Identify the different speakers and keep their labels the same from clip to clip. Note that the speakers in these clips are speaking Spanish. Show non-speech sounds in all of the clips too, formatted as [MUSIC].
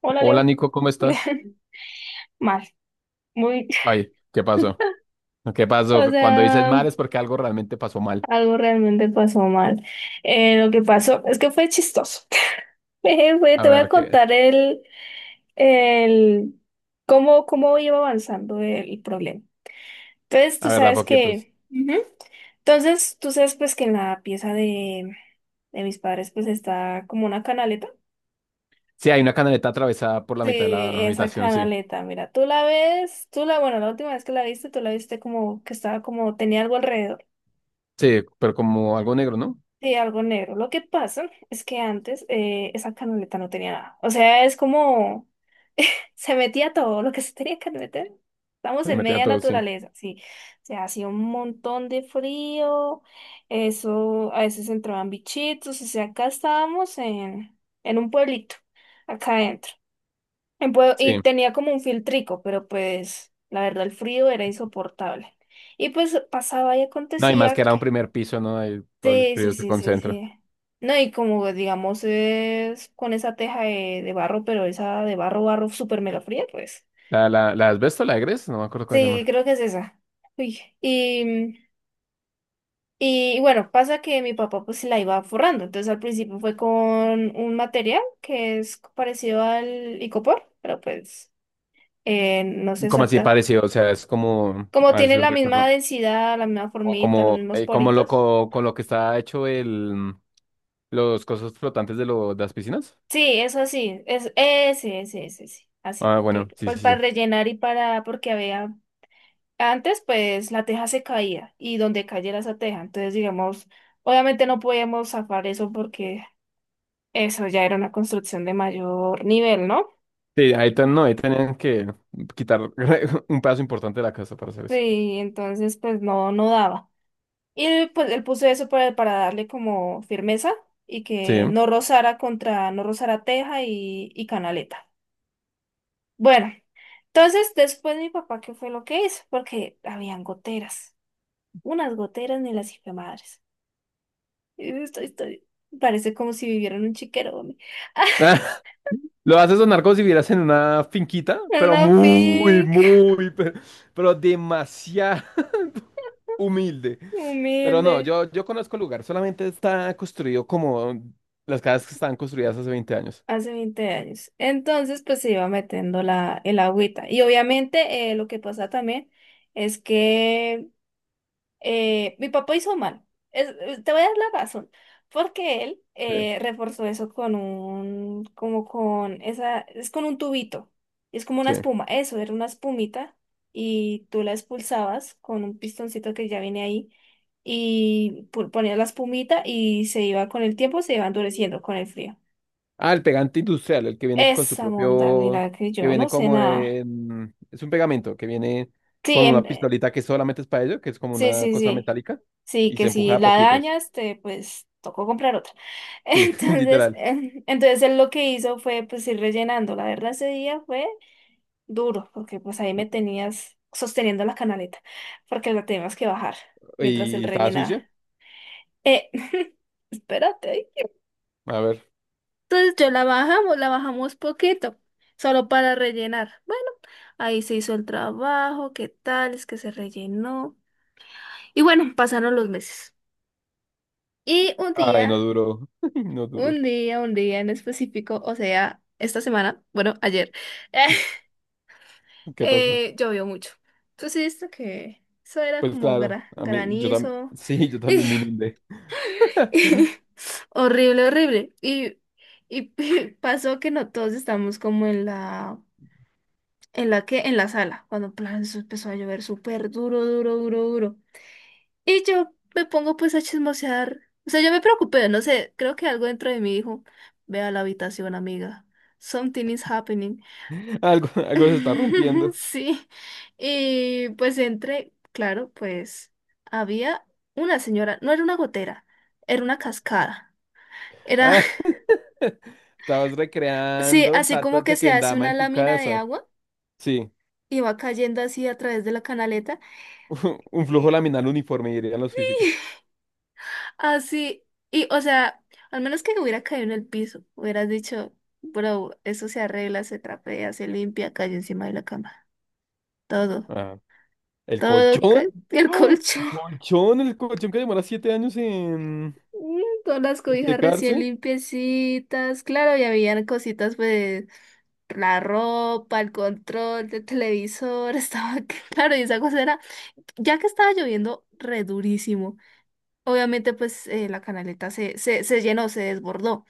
Speaker 1: Hola,
Speaker 2: Hola,
Speaker 1: Leo.
Speaker 2: Nico, ¿cómo estás?
Speaker 1: [LAUGHS] Mal, muy,
Speaker 2: Ay, ¿qué pasó? ¿Qué
Speaker 1: [LAUGHS] o
Speaker 2: pasó? Cuando dices
Speaker 1: sea,
Speaker 2: mal es porque algo realmente pasó mal.
Speaker 1: algo realmente pasó mal. Lo que pasó es que fue chistoso. [LAUGHS]
Speaker 2: A
Speaker 1: Te voy a
Speaker 2: ver, qué,
Speaker 1: contar el, cómo, cómo iba avanzando el problema. Entonces,
Speaker 2: a
Speaker 1: tú
Speaker 2: ver, da
Speaker 1: sabes
Speaker 2: poquitos.
Speaker 1: que, Ujú. Entonces, tú sabes pues que en la pieza de mis padres pues está como una canaleta.
Speaker 2: Sí, hay una canaleta atravesada por la
Speaker 1: Sí,
Speaker 2: mitad de la
Speaker 1: esa
Speaker 2: habitación, sí.
Speaker 1: canaleta, mira, tú la ves, tú la, bueno, la última vez que la viste, tú la viste como que estaba como, tenía algo alrededor.
Speaker 2: Sí, pero como algo negro, ¿no?
Speaker 1: Sí, algo negro. Lo que pasa es que antes esa canaleta no tenía nada. O sea, es como se metía todo lo que se tenía que meter. Estamos
Speaker 2: Se le
Speaker 1: en
Speaker 2: metía
Speaker 1: media
Speaker 2: todo, sí.
Speaker 1: naturaleza, sí. O sea, hacía un montón de frío. Eso, a veces entraban bichitos. O sea, acá estábamos en un pueblito, acá adentro. Y
Speaker 2: Sí.
Speaker 1: tenía como un filtrico, pero pues la verdad el frío era insoportable. Y pues pasaba y
Speaker 2: No, y más que
Speaker 1: acontecía.
Speaker 2: era un primer piso, ¿no? Ahí todo el
Speaker 1: Sí, sí,
Speaker 2: frío se
Speaker 1: sí, sí,
Speaker 2: concentra.
Speaker 1: sí. No, y como digamos es con esa teja de barro, pero esa de barro, barro súper mega fría, pues.
Speaker 2: ¿La asbesto, la egres? No me acuerdo cómo
Speaker 1: Sí,
Speaker 2: llamar.
Speaker 1: creo que es esa. Uy, y bueno, pasa que mi papá pues la iba forrando. Entonces al principio fue con un material que es parecido al icopor, pero pues no sé
Speaker 2: Llama. Como así
Speaker 1: exacta.
Speaker 2: parecido, o sea, es como,
Speaker 1: Como
Speaker 2: a ver si
Speaker 1: tiene
Speaker 2: lo
Speaker 1: la misma
Speaker 2: recuerdo.
Speaker 1: densidad, la misma
Speaker 2: O
Speaker 1: formita, los
Speaker 2: como,
Speaker 1: mismos
Speaker 2: como lo,
Speaker 1: poritos,
Speaker 2: con lo que está hecho el, los cosas flotantes de las piscinas.
Speaker 1: sí, eso sí, es ese, ese, así,
Speaker 2: Ah, bueno,
Speaker 1: que
Speaker 2: sí,
Speaker 1: pues
Speaker 2: sí,
Speaker 1: para
Speaker 2: sí.
Speaker 1: rellenar y para, porque había, antes pues la teja se caía y donde cayera esa teja, entonces digamos, obviamente no podíamos zafar eso porque eso ya era una construcción de mayor nivel, ¿no?
Speaker 2: Sí, ahí, no, ahí tenían que quitar [LAUGHS] un pedazo importante de la casa para hacer eso.
Speaker 1: Sí, entonces pues no, no daba. Y pues él puso eso para darle como firmeza y
Speaker 2: Sí.
Speaker 1: que no rozara contra, no rozara teja y canaleta. Bueno, entonces después mi papá, ¿qué fue lo que hizo? Porque habían goteras, unas goteras ni las hice madres. Estoy, parece como si viviera en un chiquero, hombre. [LAUGHS]
Speaker 2: [LAUGHS] Lo haces sonar como si vivieras en una finquita,
Speaker 1: En
Speaker 2: pero
Speaker 1: una
Speaker 2: muy,
Speaker 1: finca
Speaker 2: muy, pero, demasiado [LAUGHS] humilde. Pero no,
Speaker 1: humilde
Speaker 2: yo conozco el lugar, solamente está construido como las casas que estaban construidas hace 20 años.
Speaker 1: hace 20 años. Entonces, pues se iba metiendo la, el agüita. Y obviamente, lo que pasa también es que mi papá hizo mal. Te voy a dar la razón. Porque él
Speaker 2: Sí,
Speaker 1: reforzó eso con un, como con esa, es con un tubito. Es como una
Speaker 2: sí.
Speaker 1: espuma. Eso, era una espumita. Y tú la expulsabas con un pistoncito que ya viene ahí. Ponías la espumita y se iba con el tiempo, se iba endureciendo con el frío.
Speaker 2: Ah, el pegante industrial, el que viene con su
Speaker 1: Esa monda,
Speaker 2: propio,
Speaker 1: mira que
Speaker 2: que
Speaker 1: yo no
Speaker 2: viene
Speaker 1: sé
Speaker 2: como
Speaker 1: nada.
Speaker 2: es un pegamento que viene
Speaker 1: Sí,
Speaker 2: con una pistolita que solamente es para ello, que es como
Speaker 1: sí,
Speaker 2: una
Speaker 1: sí,
Speaker 2: cosa
Speaker 1: sí.
Speaker 2: metálica
Speaker 1: Sí,
Speaker 2: y se
Speaker 1: que si
Speaker 2: empuja a
Speaker 1: la
Speaker 2: poquitos.
Speaker 1: dañas, te pues tocó comprar otra. [LAUGHS]
Speaker 2: Sí, [LAUGHS]
Speaker 1: Entonces,
Speaker 2: literal.
Speaker 1: em, entonces él lo que hizo fue pues ir rellenando. La verdad ese día fue duro, porque pues ahí me tenías sosteniendo la canaleta, porque la teníamos que bajar mientras él
Speaker 2: Y estaba sucia.
Speaker 1: rellenaba. Eh, [LAUGHS] Espérate. Ay.
Speaker 2: A ver.
Speaker 1: Entonces yo la bajamos poquito, solo para rellenar. Bueno, ahí se hizo el trabajo, qué tal, es que se rellenó. Y bueno, pasaron los meses. Y un
Speaker 2: Ay, no
Speaker 1: día
Speaker 2: duró. [LAUGHS] No duró.
Speaker 1: Un día en específico, o sea, esta semana, bueno, ayer, [LAUGHS]
Speaker 2: ¿Qué pasó?
Speaker 1: llovió mucho. Tú sí viste que eso era
Speaker 2: Pues
Speaker 1: como
Speaker 2: claro, a mí, [LAUGHS]
Speaker 1: granizo.
Speaker 2: sí, yo también me inundé. [LAUGHS]
Speaker 1: [LAUGHS] Horrible, horrible. Y [LAUGHS] pasó que no todos estamos como en la que, en la sala, cuando plan, eso empezó a llover súper duro, duro, duro, duro. Y yo me pongo pues a chismosear. O sea, yo me preocupé, no sé, creo que algo dentro de mí dijo, ve a la habitación, amiga. Something is happening.
Speaker 2: Algo se está
Speaker 1: [LAUGHS]
Speaker 2: rompiendo.
Speaker 1: Sí. Y pues entré, claro, pues había una señora, no era una gotera, era una cascada. Era,
Speaker 2: Ah, [LAUGHS] estabas
Speaker 1: [LAUGHS] sí,
Speaker 2: recreando el
Speaker 1: así
Speaker 2: salto de
Speaker 1: como que se hace
Speaker 2: Tequendama
Speaker 1: una
Speaker 2: en tu
Speaker 1: lámina de
Speaker 2: casa.
Speaker 1: agua
Speaker 2: Sí.
Speaker 1: y va cayendo así a través de la canaleta.
Speaker 2: [LAUGHS] Un flujo laminar
Speaker 1: [LAUGHS]
Speaker 2: uniforme, dirían los físicos.
Speaker 1: Así, y o sea, al menos que hubiera caído en el piso, hubieras dicho, bro, eso se arregla, se trapea, se limpia, cae encima de la cama. Todo,
Speaker 2: Ah, ¿el
Speaker 1: todo,
Speaker 2: colchón?
Speaker 1: el [LAUGHS]
Speaker 2: ¡Ah! ¿El
Speaker 1: colchón,
Speaker 2: colchón? ¿El colchón que demora 7 años en
Speaker 1: mm, todas las
Speaker 2: en
Speaker 1: cobijas
Speaker 2: secarse?
Speaker 1: recién limpiecitas, claro, y habían cositas, pues, la ropa, el control del televisor, [LAUGHS] estaba, claro, y esa cosa era, ya que estaba lloviendo re durísimo, obviamente, pues, la canaleta se llenó, se desbordó.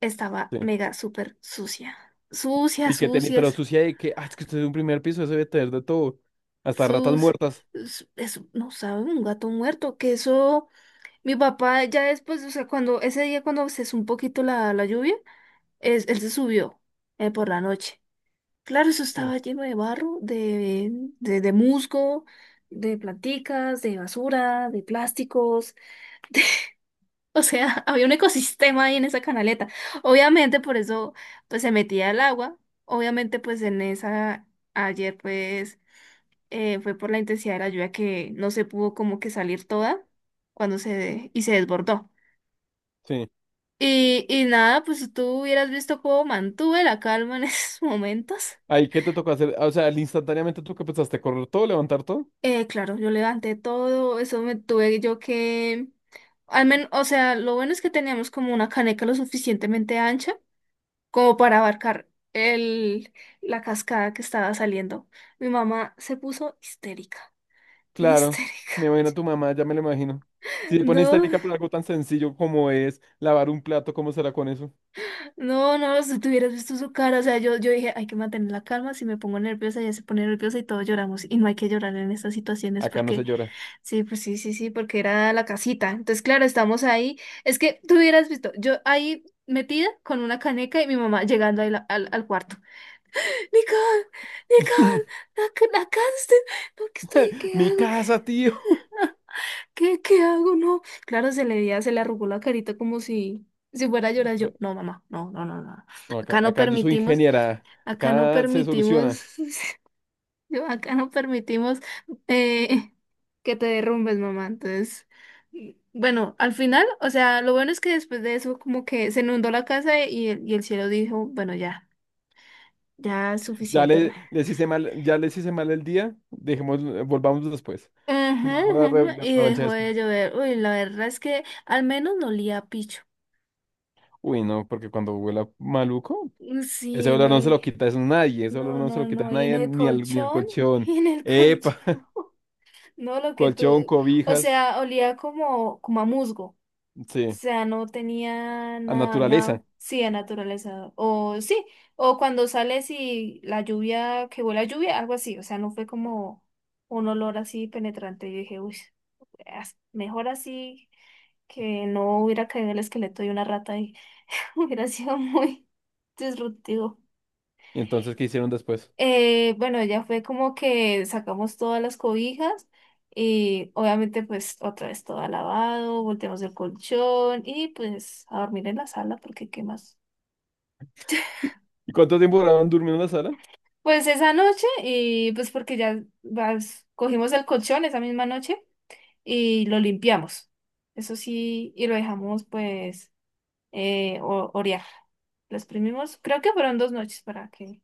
Speaker 1: Estaba
Speaker 2: Sí.
Speaker 1: mega súper sucia. Sucia,
Speaker 2: Y que tenía, pero
Speaker 1: sucias,
Speaker 2: sucia de que, ah, es que usted es un primer piso, eso debe tener de todo. Hasta ratas
Speaker 1: sus...
Speaker 2: muertas.
Speaker 1: no sabe, un gato muerto, que eso, mi papá ya después, o sea, cuando, ese día cuando cesó un poquito la lluvia, él se subió por la noche. Claro, eso
Speaker 2: Sí.
Speaker 1: estaba lleno de barro, de musgo, de planticas, de basura, de plásticos. O sea, [LAUGHS] había un ecosistema ahí en esa canaleta. Obviamente, por eso, pues se metía el agua. Obviamente, pues en esa, ayer, pues, fue por la intensidad de la lluvia que no se pudo como que salir toda cuando se, y se desbordó.
Speaker 2: Sí.
Speaker 1: Y nada, pues si tú hubieras visto cómo mantuve la calma en [LAUGHS] esos momentos.
Speaker 2: Ahí, ¿qué te tocó hacer? Ah, o sea, al instantáneamente tú que pensaste, correr todo, levantar todo.
Speaker 1: Claro, yo levanté todo, eso me tuve yo que, al menos, o sea, lo bueno es que teníamos como una caneca lo suficientemente ancha como para abarcar la cascada que estaba saliendo. Mi mamá se puso histérica,
Speaker 2: Claro, me
Speaker 1: histérica.
Speaker 2: imagino
Speaker 1: [LAUGHS]
Speaker 2: a tu mamá, ya me lo imagino. Si te pones
Speaker 1: No,
Speaker 2: histérica por algo tan sencillo como es lavar un plato, ¿cómo será con eso?
Speaker 1: no, no, si tú hubieras visto su cara, o sea, yo dije, hay que mantener la calma, si me pongo nerviosa, ella se pone nerviosa y todos lloramos, y no hay que llorar en estas situaciones
Speaker 2: Acá no se
Speaker 1: porque,
Speaker 2: llora.
Speaker 1: sí, pues sí, sí, sí, porque era la casita. Entonces, claro, estamos ahí, es que tú hubieras visto, yo ahí metida con una caneca y mi mamá llegando ahí al cuarto. Nicole, Nicole,
Speaker 2: [LAUGHS]
Speaker 1: nacaste, no, ¿qué estoy? ¿Qué
Speaker 2: Mi
Speaker 1: hago? ¿Qué,
Speaker 2: casa, tío.
Speaker 1: qué, qué hago? No. Claro, se le veía, se le arrugó la carita como si, si fuera a llorar yo. No, mamá, no, no, no, no, no.
Speaker 2: No, acá,
Speaker 1: Acá no
Speaker 2: acá yo soy
Speaker 1: permitimos,
Speaker 2: ingeniera.
Speaker 1: acá no
Speaker 2: Acá se soluciona.
Speaker 1: permitimos, [LAUGHS] yo acá no permitimos eh, que te derrumbes, mamá. Entonces, bueno, al final, o sea, lo bueno es que después de eso como que se inundó la casa y el cielo dijo, bueno, ya, ya es
Speaker 2: Ya
Speaker 1: suficiente.
Speaker 2: le, les hice mal, ya les hice mal el día. Volvamos después.
Speaker 1: Ajá,
Speaker 2: Volvamos a la
Speaker 1: ajá, y
Speaker 2: revancha
Speaker 1: dejó
Speaker 2: después.
Speaker 1: de llover. Uy, la verdad es que al menos no olía a picho.
Speaker 2: Uy, no, porque cuando huela maluco, ese
Speaker 1: Sí,
Speaker 2: olor
Speaker 1: no,
Speaker 2: no se lo quita, es nadie. Ese olor
Speaker 1: no,
Speaker 2: no se
Speaker 1: no,
Speaker 2: lo quita a
Speaker 1: no, y en
Speaker 2: nadie,
Speaker 1: el
Speaker 2: ni al
Speaker 1: colchón, [LAUGHS]
Speaker 2: colchón.
Speaker 1: y en el
Speaker 2: Epa,
Speaker 1: colchón, no, lo que
Speaker 2: colchón,
Speaker 1: tú, o
Speaker 2: cobijas.
Speaker 1: sea, olía como, como a musgo, o
Speaker 2: Sí,
Speaker 1: sea, no tenía
Speaker 2: a
Speaker 1: nada, nada,
Speaker 2: naturaleza.
Speaker 1: sí, a naturaleza, o sí, o cuando sales y la lluvia, que huele a lluvia, algo así, o sea, no fue como un olor así penetrante, yo dije, uy, mejor así que no hubiera caído el esqueleto de una rata ahí. [LAUGHS] Hubiera sido muy disruptivo.
Speaker 2: ¿Y entonces qué hicieron después?
Speaker 1: Bueno, ya fue como que sacamos todas las cobijas y obviamente pues otra vez todo lavado, volteamos el colchón y pues a dormir en la sala porque qué más.
Speaker 2: ¿Y cuánto tiempo duraron durmiendo en la sala?
Speaker 1: Pues esa noche y pues porque cogimos el colchón esa misma noche y lo limpiamos. Eso sí, y lo dejamos pues orear. Lo exprimimos, creo que fueron 2 noches para que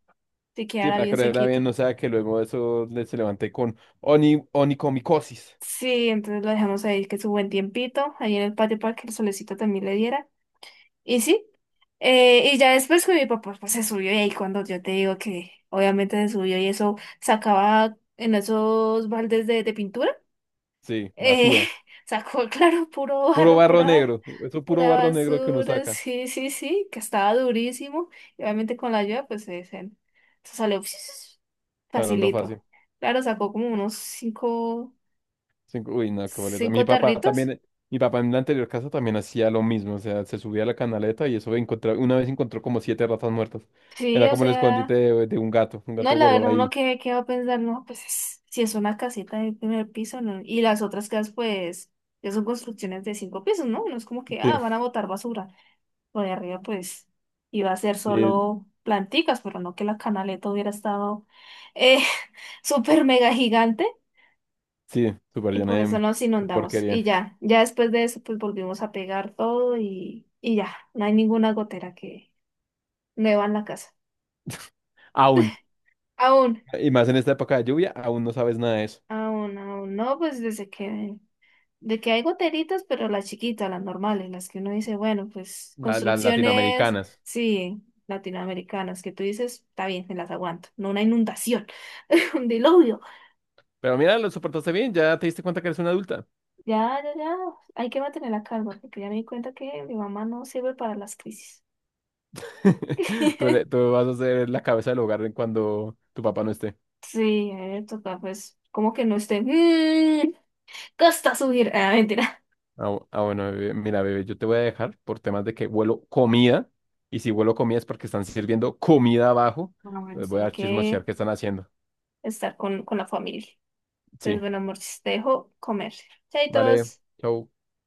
Speaker 1: se
Speaker 2: Sí,
Speaker 1: quedara
Speaker 2: para
Speaker 1: bien
Speaker 2: creer era bien,
Speaker 1: sequita.
Speaker 2: o sea, que luego eso se levanté con onicomicosis.
Speaker 1: Sí, entonces lo dejamos ahí que su buen tiempito, ahí en el patio para que el solecito también le diera. Y sí, y ya después con mi papá pues se subió y ahí cuando yo te digo que obviamente se subió y eso sacaba en esos baldes de pintura.
Speaker 2: Sí,
Speaker 1: Eh,
Speaker 2: basura.
Speaker 1: [LAUGHS] Sacó, claro, puro
Speaker 2: Puro
Speaker 1: barro,
Speaker 2: barro
Speaker 1: pura,
Speaker 2: negro. Eso es puro
Speaker 1: pura
Speaker 2: barro negro que uno
Speaker 1: basura,
Speaker 2: saca.
Speaker 1: sí, sí, sí, que estaba durísimo. Y obviamente con la ayuda, pues se salió [LAUGHS]
Speaker 2: Hablando
Speaker 1: facilito.
Speaker 2: fácil.
Speaker 1: Claro, sacó como unos cinco,
Speaker 2: Uy, no, qué boleta.
Speaker 1: cinco tarritos.
Speaker 2: Mi papá en la anterior casa también hacía lo mismo. O sea, se subía a la canaleta y eso encontraba, una vez encontró como siete ratas muertas.
Speaker 1: Sí,
Speaker 2: Era
Speaker 1: o
Speaker 2: como el escondite
Speaker 1: sea,
Speaker 2: de, un gato. Un
Speaker 1: no,
Speaker 2: gato
Speaker 1: la
Speaker 2: guardaba
Speaker 1: verdad, uno
Speaker 2: ahí.
Speaker 1: que va a pensar, no, pues si es una casita de primer piso, ¿no? Y las otras casas, pues, ya son construcciones de 5 pisos, ¿no? No es como que,
Speaker 2: Sí,
Speaker 1: ah, van a botar basura. Lo de arriba, pues, iba a ser
Speaker 2: eh,
Speaker 1: solo planticas, pero no que la canaleta hubiera estado eh, [LAUGHS] súper mega gigante
Speaker 2: sí, súper
Speaker 1: y
Speaker 2: llena
Speaker 1: por eso
Speaker 2: de,
Speaker 1: nos inundamos.
Speaker 2: porquería.
Speaker 1: Y ya, ya después de eso, pues volvimos a pegar todo y ya, no hay ninguna gotera que nueva en la casa.
Speaker 2: Aún.
Speaker 1: Aún,
Speaker 2: Y más en esta época de lluvia, aún no sabes nada de eso.
Speaker 1: aún, aún, no, pues desde que de que hay goteritas, pero las chiquitas, las normales, las que uno dice, bueno, pues
Speaker 2: Las
Speaker 1: construcciones,
Speaker 2: latinoamericanas.
Speaker 1: sí, latinoamericanas, que tú dices, está bien, me las aguanto, no una inundación, [LAUGHS] un diluvio.
Speaker 2: Pero mira, lo soportaste bien, ya te diste cuenta que eres una adulta.
Speaker 1: Ya, ya, hay que mantener la calma, porque ya me di cuenta que mi mamá no sirve para las crisis.
Speaker 2: [LAUGHS] Tú, le-
Speaker 1: [LAUGHS]
Speaker 2: tú vas a ser la cabeza del hogar en cuando tu papá no esté.
Speaker 1: Sí, a ver, toca, pues, como que no esté, mmm, cuesta subir, [LAUGHS] ah, mentira.
Speaker 2: Ah, bueno, bebé. Mira, bebé, yo te voy a dejar por temas de que huelo comida. Y si huelo comida es porque están sirviendo comida abajo.
Speaker 1: Bueno, bueno,
Speaker 2: Les
Speaker 1: sí,
Speaker 2: voy
Speaker 1: hay
Speaker 2: a
Speaker 1: que
Speaker 2: chismosear qué están haciendo.
Speaker 1: estar con la familia. Entonces,
Speaker 2: Sí,
Speaker 1: bueno, amor, te dejo comer.
Speaker 2: vale.
Speaker 1: Chaitos.
Speaker 2: Chau.